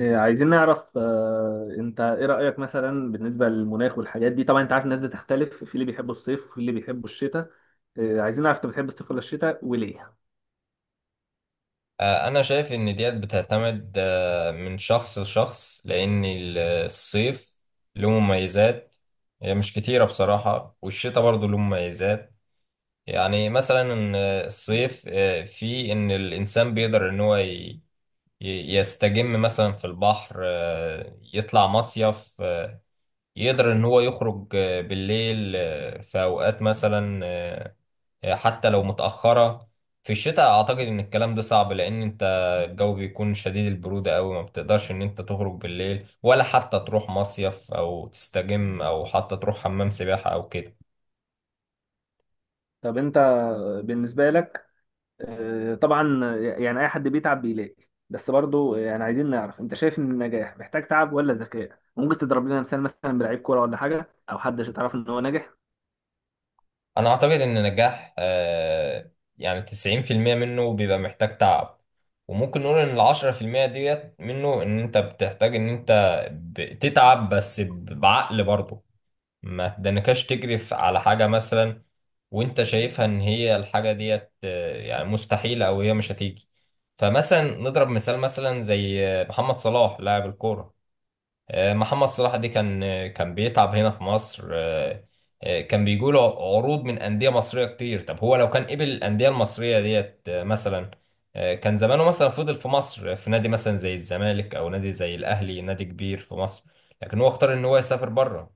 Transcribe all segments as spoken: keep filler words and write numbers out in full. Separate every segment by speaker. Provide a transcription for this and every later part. Speaker 1: إيه، عايزين نعرف آه، انت ايه رأيك مثلا بالنسبة للمناخ والحاجات دي؟ طبعا انت عارف الناس بتختلف في اللي بيحبوا الصيف وفي اللي بيحبوا الشتاء. إيه، عايزين نعرف انت بتحب الصيف ولا الشتاء وليه؟
Speaker 2: آه، أنا شايف إن ديت بتعتمد آه، من شخص لشخص، لأن ال- الصيف له مميزات، هي مش كتيرة بصراحة، والشتاء برضه له مميزات. يعني مثلا آه، الصيف آه، فيه إن الإنسان بيقدر إن هو ي- ي- يستجم مثلا في البحر، آه، يطلع مصيف، آه، يقدر إن هو يخرج آه، بالليل آه، في أوقات مثلا، آه، حتى لو متأخرة. في الشتاء أعتقد إن الكلام ده صعب، لأن أنت الجو بيكون شديد البرودة أوي، ما بتقدرش إن أنت تخرج بالليل ولا حتى تروح مصيف أو تستجم أو حتى تروح حمام سباحة أو كده.
Speaker 1: طب انت بالنسبة لك، آه، طبعا يعني اي حد بيتعب بيلاقي، بس برضو يعني عايزين نعرف انت شايف ان النجاح محتاج تعب ولا ذكاء؟ ممكن تضرب لنا مثال مثلا بلعيب كورة ولا حاجة او حد تعرف ان هو ناجح.
Speaker 2: أنا أعتقد إن نجاح آه، يعني تسعين في المية منه بيبقى محتاج تعب، وممكن نقول إن العشرة في المية ديت منه إن أنت بتحتاج إن أنت بتتعب بس بعقل برضه. ما تدنكاش تجري في- على حاجة مثلا وانت شايفها ان هي الحاجة ديت آه، يعني مستحيلة او هي مش هتيجي. فمثلا نضرب مثال مثلا زي آه، محمد صلاح لاعب الكورة. آه، محمد صلاح دي كان آه، كان بيتعب هنا في مصر. آه، آه، كان بيجوله عروض من أندية مصرية كتير. طب هو لو كان قبل الأندية المصرية ديت آه، مثلا آه، كان زمانه مثلا فضل في مصر، آه، في نادي مثلا زي الزمالك أو نادي زي الأهلي، نادي كبير في مصر. لكن هو اختار إن هو يسافر بره.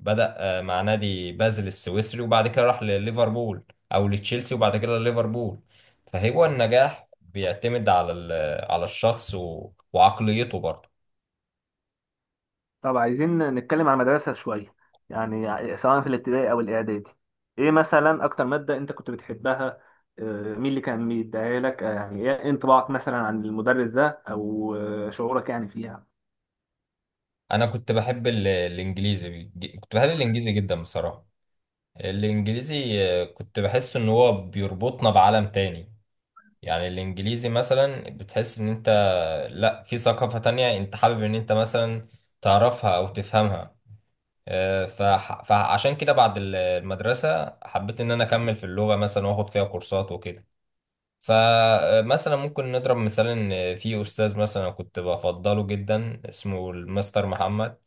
Speaker 2: بدأ آه، مع نادي بازل السويسري، وبعد كده راح لليفربول أو لتشيلسي وبعد كده لليفربول. فهو النجاح بيعتمد على ال- على الشخص و- وعقليته برضه.
Speaker 1: طب عايزين نتكلم عن المدرسة شوية، يعني سواء في الابتدائي أو الإعدادي، إيه مثلا أكتر مادة أنت كنت بتحبها؟ آه، مين اللي كان بيديها لك؟ آه، يعني إيه انطباعك مثلا عن المدرس ده؟ أو آه، شعورك يعني فيها.
Speaker 2: انا كنت بحب ال- الانجليزي. بيج- كنت بحب الانجليزي جدا بصراحه. الانجليزي، آه، كنت بحس ان هو بيربطنا بعالم تاني. يعني الانجليزي مثلا بتحس ان انت، لا، في ثقافه تانية انت حابب ان انت مثلا تعرفها او تفهمها. آه، فح- فعشان كده بعد ال- المدرسه حبيت ان انا اكمل في اللغه مثلا واخد فيها كورسات وكده. فمثلا ممكن نضرب مثال ان في استاذ مثلا كنت بفضله جدا اسمه المستر محمد.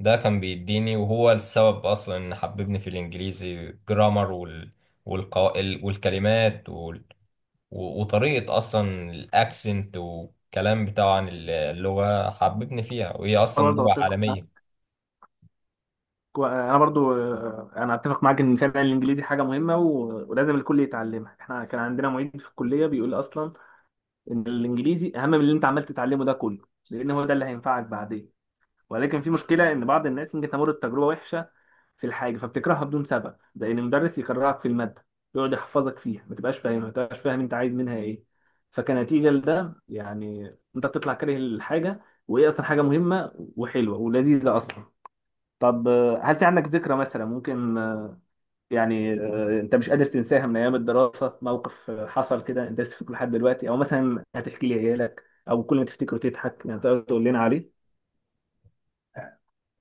Speaker 2: ده كان بيديني وهو السبب اصلا ان حببني في الانجليزي، جرامر وال... والقو... ال- والكلمات وال... و- وطريقة اصلا الاكسنت والكلام بتاعه عن اللغة حببني فيها، وهي
Speaker 1: أنا
Speaker 2: اصلا
Speaker 1: برضه
Speaker 2: لغة
Speaker 1: أتفق معاك.
Speaker 2: عالمية.
Speaker 1: أنا برضه، آه، أنا أتفق معاك إن فعلا الإنجليزي حاجة مهمة و- ولازم الكل يتعلمها. إحنا كان عندنا معيد في الكلية بيقول أصلا إن الإنجليزي أهم من اللي أنت عمال تتعلمه ده كله، لأن هو ده اللي هينفعك بعدين. ولكن في مشكله ان بعض الناس ممكن تمر بتجربه وحشه في الحاجه فبتكرهها بدون سبب، زي ان المدرس يكرهك في الماده، يقعد يحفظك فيها ما تبقاش فاهمها، ما تبقاش فاهم انت عايز منها ايه. فكنتيجه لده يعني انت بتطلع كاره الحاجه، وهي اصلا حاجه مهمه وحلوه ولذيذه اصلا. طب آه، هل في عندك ذكرى مثلا ممكن، آه، يعني آه، انت مش قادر تنساها من ايام الدراسه؟ موقف آه، حصل كده انت لسه فاكره لحد دلوقتي او مثلا هتحكي لي عيالك او كل ما تفتكره تضحك، يعني تقدر تقول لنا عليه؟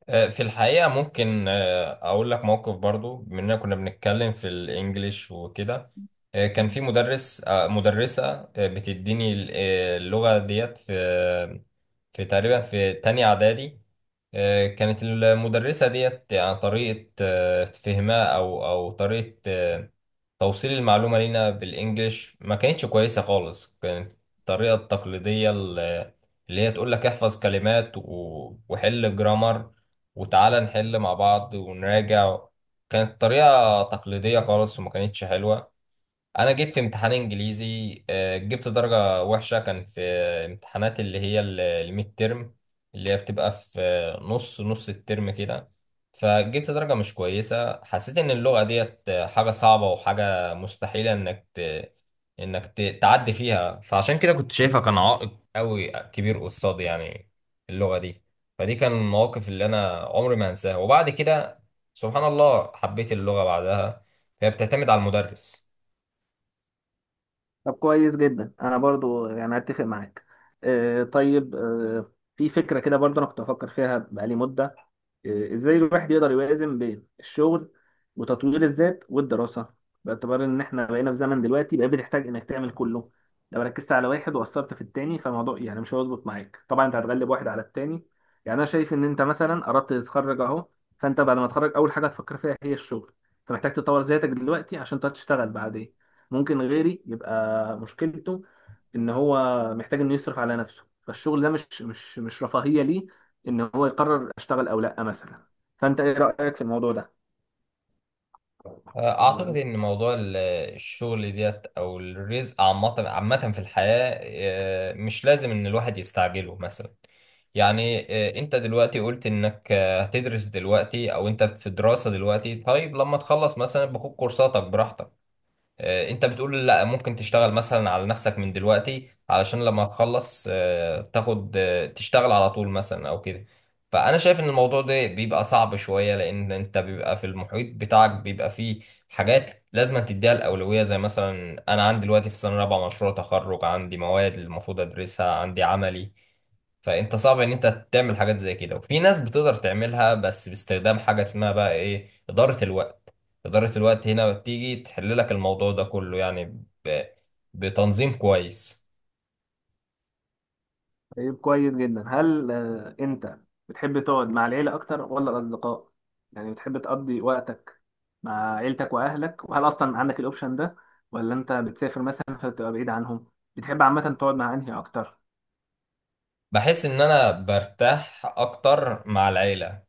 Speaker 2: آه، في الحقيقة ممكن آه، أقول لك موقف برضو بما إننا كنا بنتكلم في الإنجليش وكده. آه، كان في مدرس، آه، مدرسة آه، بتديني ال- آه، اللغة ديت في في تقريبا في تانية إعدادي. آه، كانت المدرسة ديت يعني طريقة آه، فهمها أو أو طريقة آه، توصيل المعلومة لينا بالإنجليش ما كانتش كويسة خالص. كانت الطريقة التقليدية، ال- اللي هي تقول لك احفظ كلمات و- وحل جرامر وتعالى نحل مع بعض ونراجع. كانت طريقة تقليدية خالص وما كانتش حلوة. انا جيت في امتحان انجليزي آه، جبت درجة وحشة. كان في امتحانات اللي هي ال- الميد ترم، اللي هي بتبقى في آه، نص نص الترم كده. فجبت درجة مش كويسة. حسيت ان اللغة ديت آه، حاجة صعبة وحاجة مستحيلة انك ت... انك ت... تعدي فيها، فعشان كده كنت شايفها كان عائق قوي كبير قصادي، يعني اللغة دي. فدي كان المواقف اللي انا عمري ما هنساها، وبعد كده سبحان الله حبيت اللغة بعدها. هي بتعتمد على المدرس.
Speaker 1: طب كويس جدا، انا برضو يعني اتفق معاك. آه طيب، آه في فكره كده برضو انا كنت بفكر فيها بقالي مده، آه ازاي الواحد يقدر يوازن بين الشغل وتطوير الذات والدراسه، باعتبار ان احنا بقينا في زمن دلوقتي بقى بتحتاج انك تعمل كله. لو ركزت على واحد وقصرت في التاني فالموضوع يعني مش هيظبط معاك، طبعا انت هتغلب واحد على التاني. يعني انا شايف ان انت مثلا اردت تتخرج اهو، فانت بعد ما تتخرج اول حاجه هتفكر فيها هي الشغل، فمحتاج تطور ذاتك دلوقتي عشان تقدر تشتغل بعدين. ممكن غيري يبقى مشكلته ان هو محتاج انه يصرف على نفسه، فالشغل ده مش مش مش رفاهية ليه ان هو يقرر اشتغل او لا مثلا. فانت ايه رأيك في الموضوع ده؟
Speaker 2: أعتقد
Speaker 1: طب
Speaker 2: إن موضوع ال- الشغل ديت أو الرزق عامة عامة في الحياة آه، مش لازم إن الواحد يستعجله مثلا. يعني آه، أنت دلوقتي قلت إنك آه، هتدرس دلوقتي أو أنت في دراسة دلوقتي، طيب لما تخلص مثلا باخد كورساتك براحتك. آه، انت بتقول لا، ممكن تشتغل مثلا على نفسك من دلوقتي علشان لما تخلص آه، تاخد آه، تشتغل على طول مثلا او كده. فانا شايف ان الموضوع ده بيبقى صعب شوية، لان انت بيبقى في المحيط بتاعك بيبقى فيه حاجات لازم تديها الاولوية، زي مثلا انا عندي دلوقتي في سنة رابعة مشروع تخرج، عندي مواد المفروض ادرسها، عندي عملي. فانت صعب ان انت تعمل حاجات زي كده، وفي ناس بتقدر تعملها بس باستخدام حاجه اسمها بقى ايه، اداره الوقت. اداره الوقت هنا بتيجي تحل لك الموضوع ده كله، يعني ب... بتنظيم كويس.
Speaker 1: طيب كويس جدا. هل آه، انت بتحب تقعد مع العيلة اكتر ولا الاصدقاء؟ يعني بتحب تقضي وقتك مع عيلتك واهلك، وهل اصلا عندك الاوبشن ده ولا انت بتسافر مثلا فتبقى بعيد عنهم؟ بتحب عامة تقعد مع انهي اكتر؟
Speaker 2: بحس ان انا برتاح اكتر مع العيله.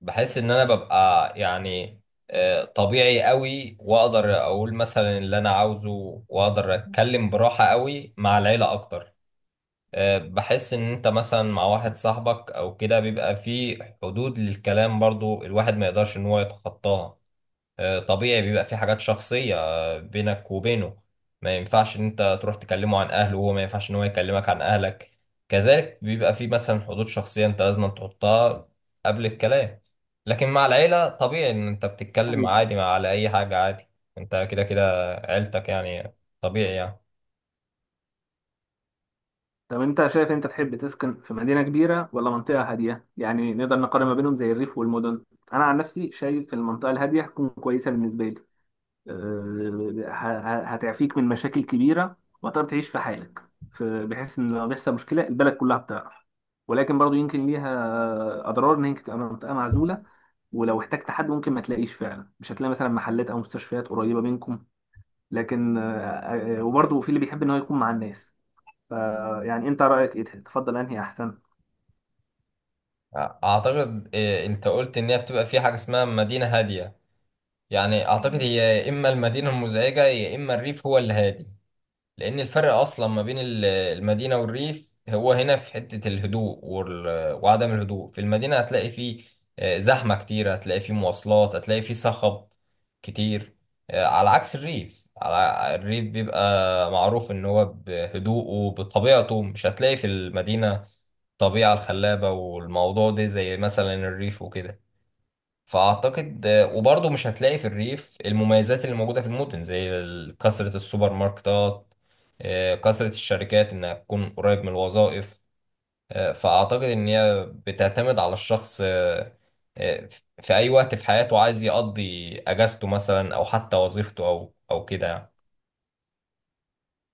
Speaker 2: بحس ان انا ببقى يعني آه، طبيعي قوي، واقدر اقول مثلا اللي انا عاوزه واقدر اتكلم براحه قوي مع العيله اكتر. آه، بحس ان انت مثلا مع واحد صاحبك او كده بيبقى في حدود للكلام برضو، الواحد ما يقدرش ان هو يتخطاها. آه، طبيعي بيبقى في حاجات شخصية آه، بينك وبينه، ما ينفعش ان انت تروح تكلمه عن اهله وهو ما ينفعش ان هو يكلمك عن اهلك. كذلك بيبقى في مثلا حدود شخصية انت لازم تحطها قبل الكلام. لكن مع العيلة طبيعي ان انت بتتكلم عادي مع على اي حاجة عادي، انت كده كده عيلتك يعني، طبيعي يعني.
Speaker 1: طب انت شايف انت تحب تسكن في مدينة كبيرة ولا منطقة هادية؟ يعني نقدر نقارن ما بينهم زي الريف والمدن. انا عن نفسي شايف المنطقة الهادية هتكون كويسة بالنسبة لي. أه، ه- ه- هتعفيك من مشاكل كبيرة وتقدر تعيش في حالك. ف- بحيث ان لو بيحصل مشكلة البلد كلها بتعرف. ولكن برضو يمكن ليها اضرار ان هي تبقى منطقة معزولة، ولو احتجت حد ممكن ما تلاقيش، فعلا مش هتلاقي مثلا محلات او مستشفيات قريبه منكم. لكن آه، آه، وبرضه في اللي بيحب ان هو يكون مع الناس ف- يعني انت رأيك ايه؟ تفضل انهي احسن؟
Speaker 2: اعتقد إيه، انت قلت ان هي بتبقى في حاجه اسمها مدينه هاديه، يعني اعتقد هي يا اما المدينه المزعجه يا اما الريف هو اللي هادي. لأن الفرق أصلا ما بين ال- المدينة والريف هو هنا في حتة الهدوء وال- وعدم الهدوء. في المدينة هتلاقي فيه آه، زحمة كتير، هتلاقي فيه مواصلات، هتلاقي فيه صخب كتير. آه، على عكس الريف، على الريف بيبقى معروف إن هو بهدوءه بطبيعته. مش هتلاقي في المدينة الطبيعة الخلابة والموضوع ده زي مثلا الريف وكده. فاعتقد آه، وبرضه مش هتلاقي في الريف المميزات اللي موجوده في المدن، زي ال- كثره السوبر ماركتات، آه، كثره الشركات انها تكون قريب من الوظائف. آه، فاعتقد ان هي بتعتمد على الشخص آه، آه، في اي وقت في حياته عايز يقضي اجازته مثلا او حتى وظيفته او او كده يعني.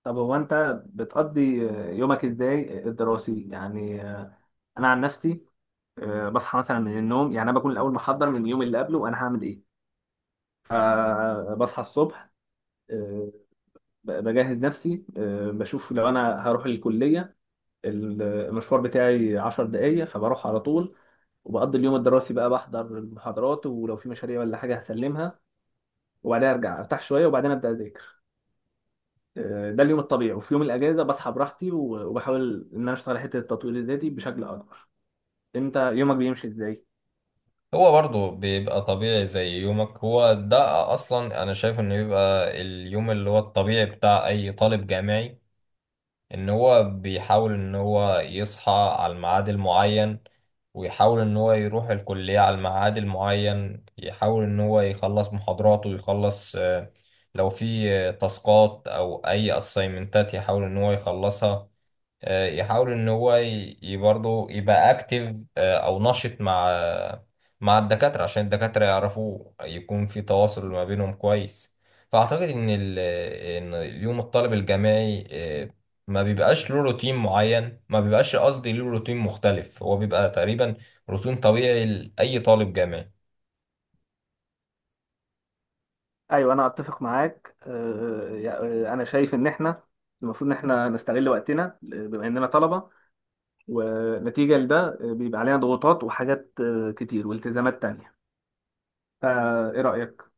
Speaker 1: طب هو انت بتقضي آه، يومك ازاي الدراسي؟ يعني آه، انا عن نفسي، آه، بصحى مثلا من النوم، يعني انا بكون الاول محضر من اليوم اللي قبله انا هعمل ايه. فبصحى الصبح، آه، ب- بجهز نفسي، آه، بشوف لو انا هروح الكلية ال- المشوار بتاعي 10 دقايق فبروح على طول. وبقضي اليوم الدراسي بقى بحضر المحاضرات، ولو في مشاريع ولا حاجة هسلمها، وبعدها ارجع ارتاح شوية وبعدين ابدا اذاكر. آه، ده اليوم الطبيعي. وفي يوم الاجازه بصحى براحتي و- وبحاول ان انا اشتغل على حته التطوير الذاتي بشكل اكبر. انت يومك بيمشي ازاي؟
Speaker 2: هو برضه بيبقى طبيعي زي يومك. هو ده اصلا انا شايف انه بيبقى اليوم اللي هو الطبيعي بتاع اي طالب جامعي. ان هو بيحاول ان هو يصحى على الميعاد المعين، ويحاول ان هو يروح الكلية على الميعاد المعين، يحاول ان هو يخلص محاضراته ويخلص، آه، لو في آه، تاسكات او اي اسايمنتات يحاول ان هو يخلصها. آه، يحاول ان هو ي- ي- برضه يبقى اكتف او نشط مع آه، مع الدكاترة عشان الدكاترة يعرفوه، يكون في تواصل ما بينهم كويس. فاعتقد ان ال- ان اليوم الطالب الجامعي آه، ما بيبقاش له روتين معين، ما بيبقاش قصدي له روتين مختلف. هو بيبقى تقريبا روتين طبيعي لأي طالب جامعي.
Speaker 1: ايوه انا اتفق معاك. آه، يا- آه، انا شايف ان احنا المفروض ان احنا نستغل وقتنا، آه، بما اننا طلبه، ونتيجه لده آه، بيبقى علينا ضغوطات وحاجات آه، كتير والتزامات تانية. فايه رايك؟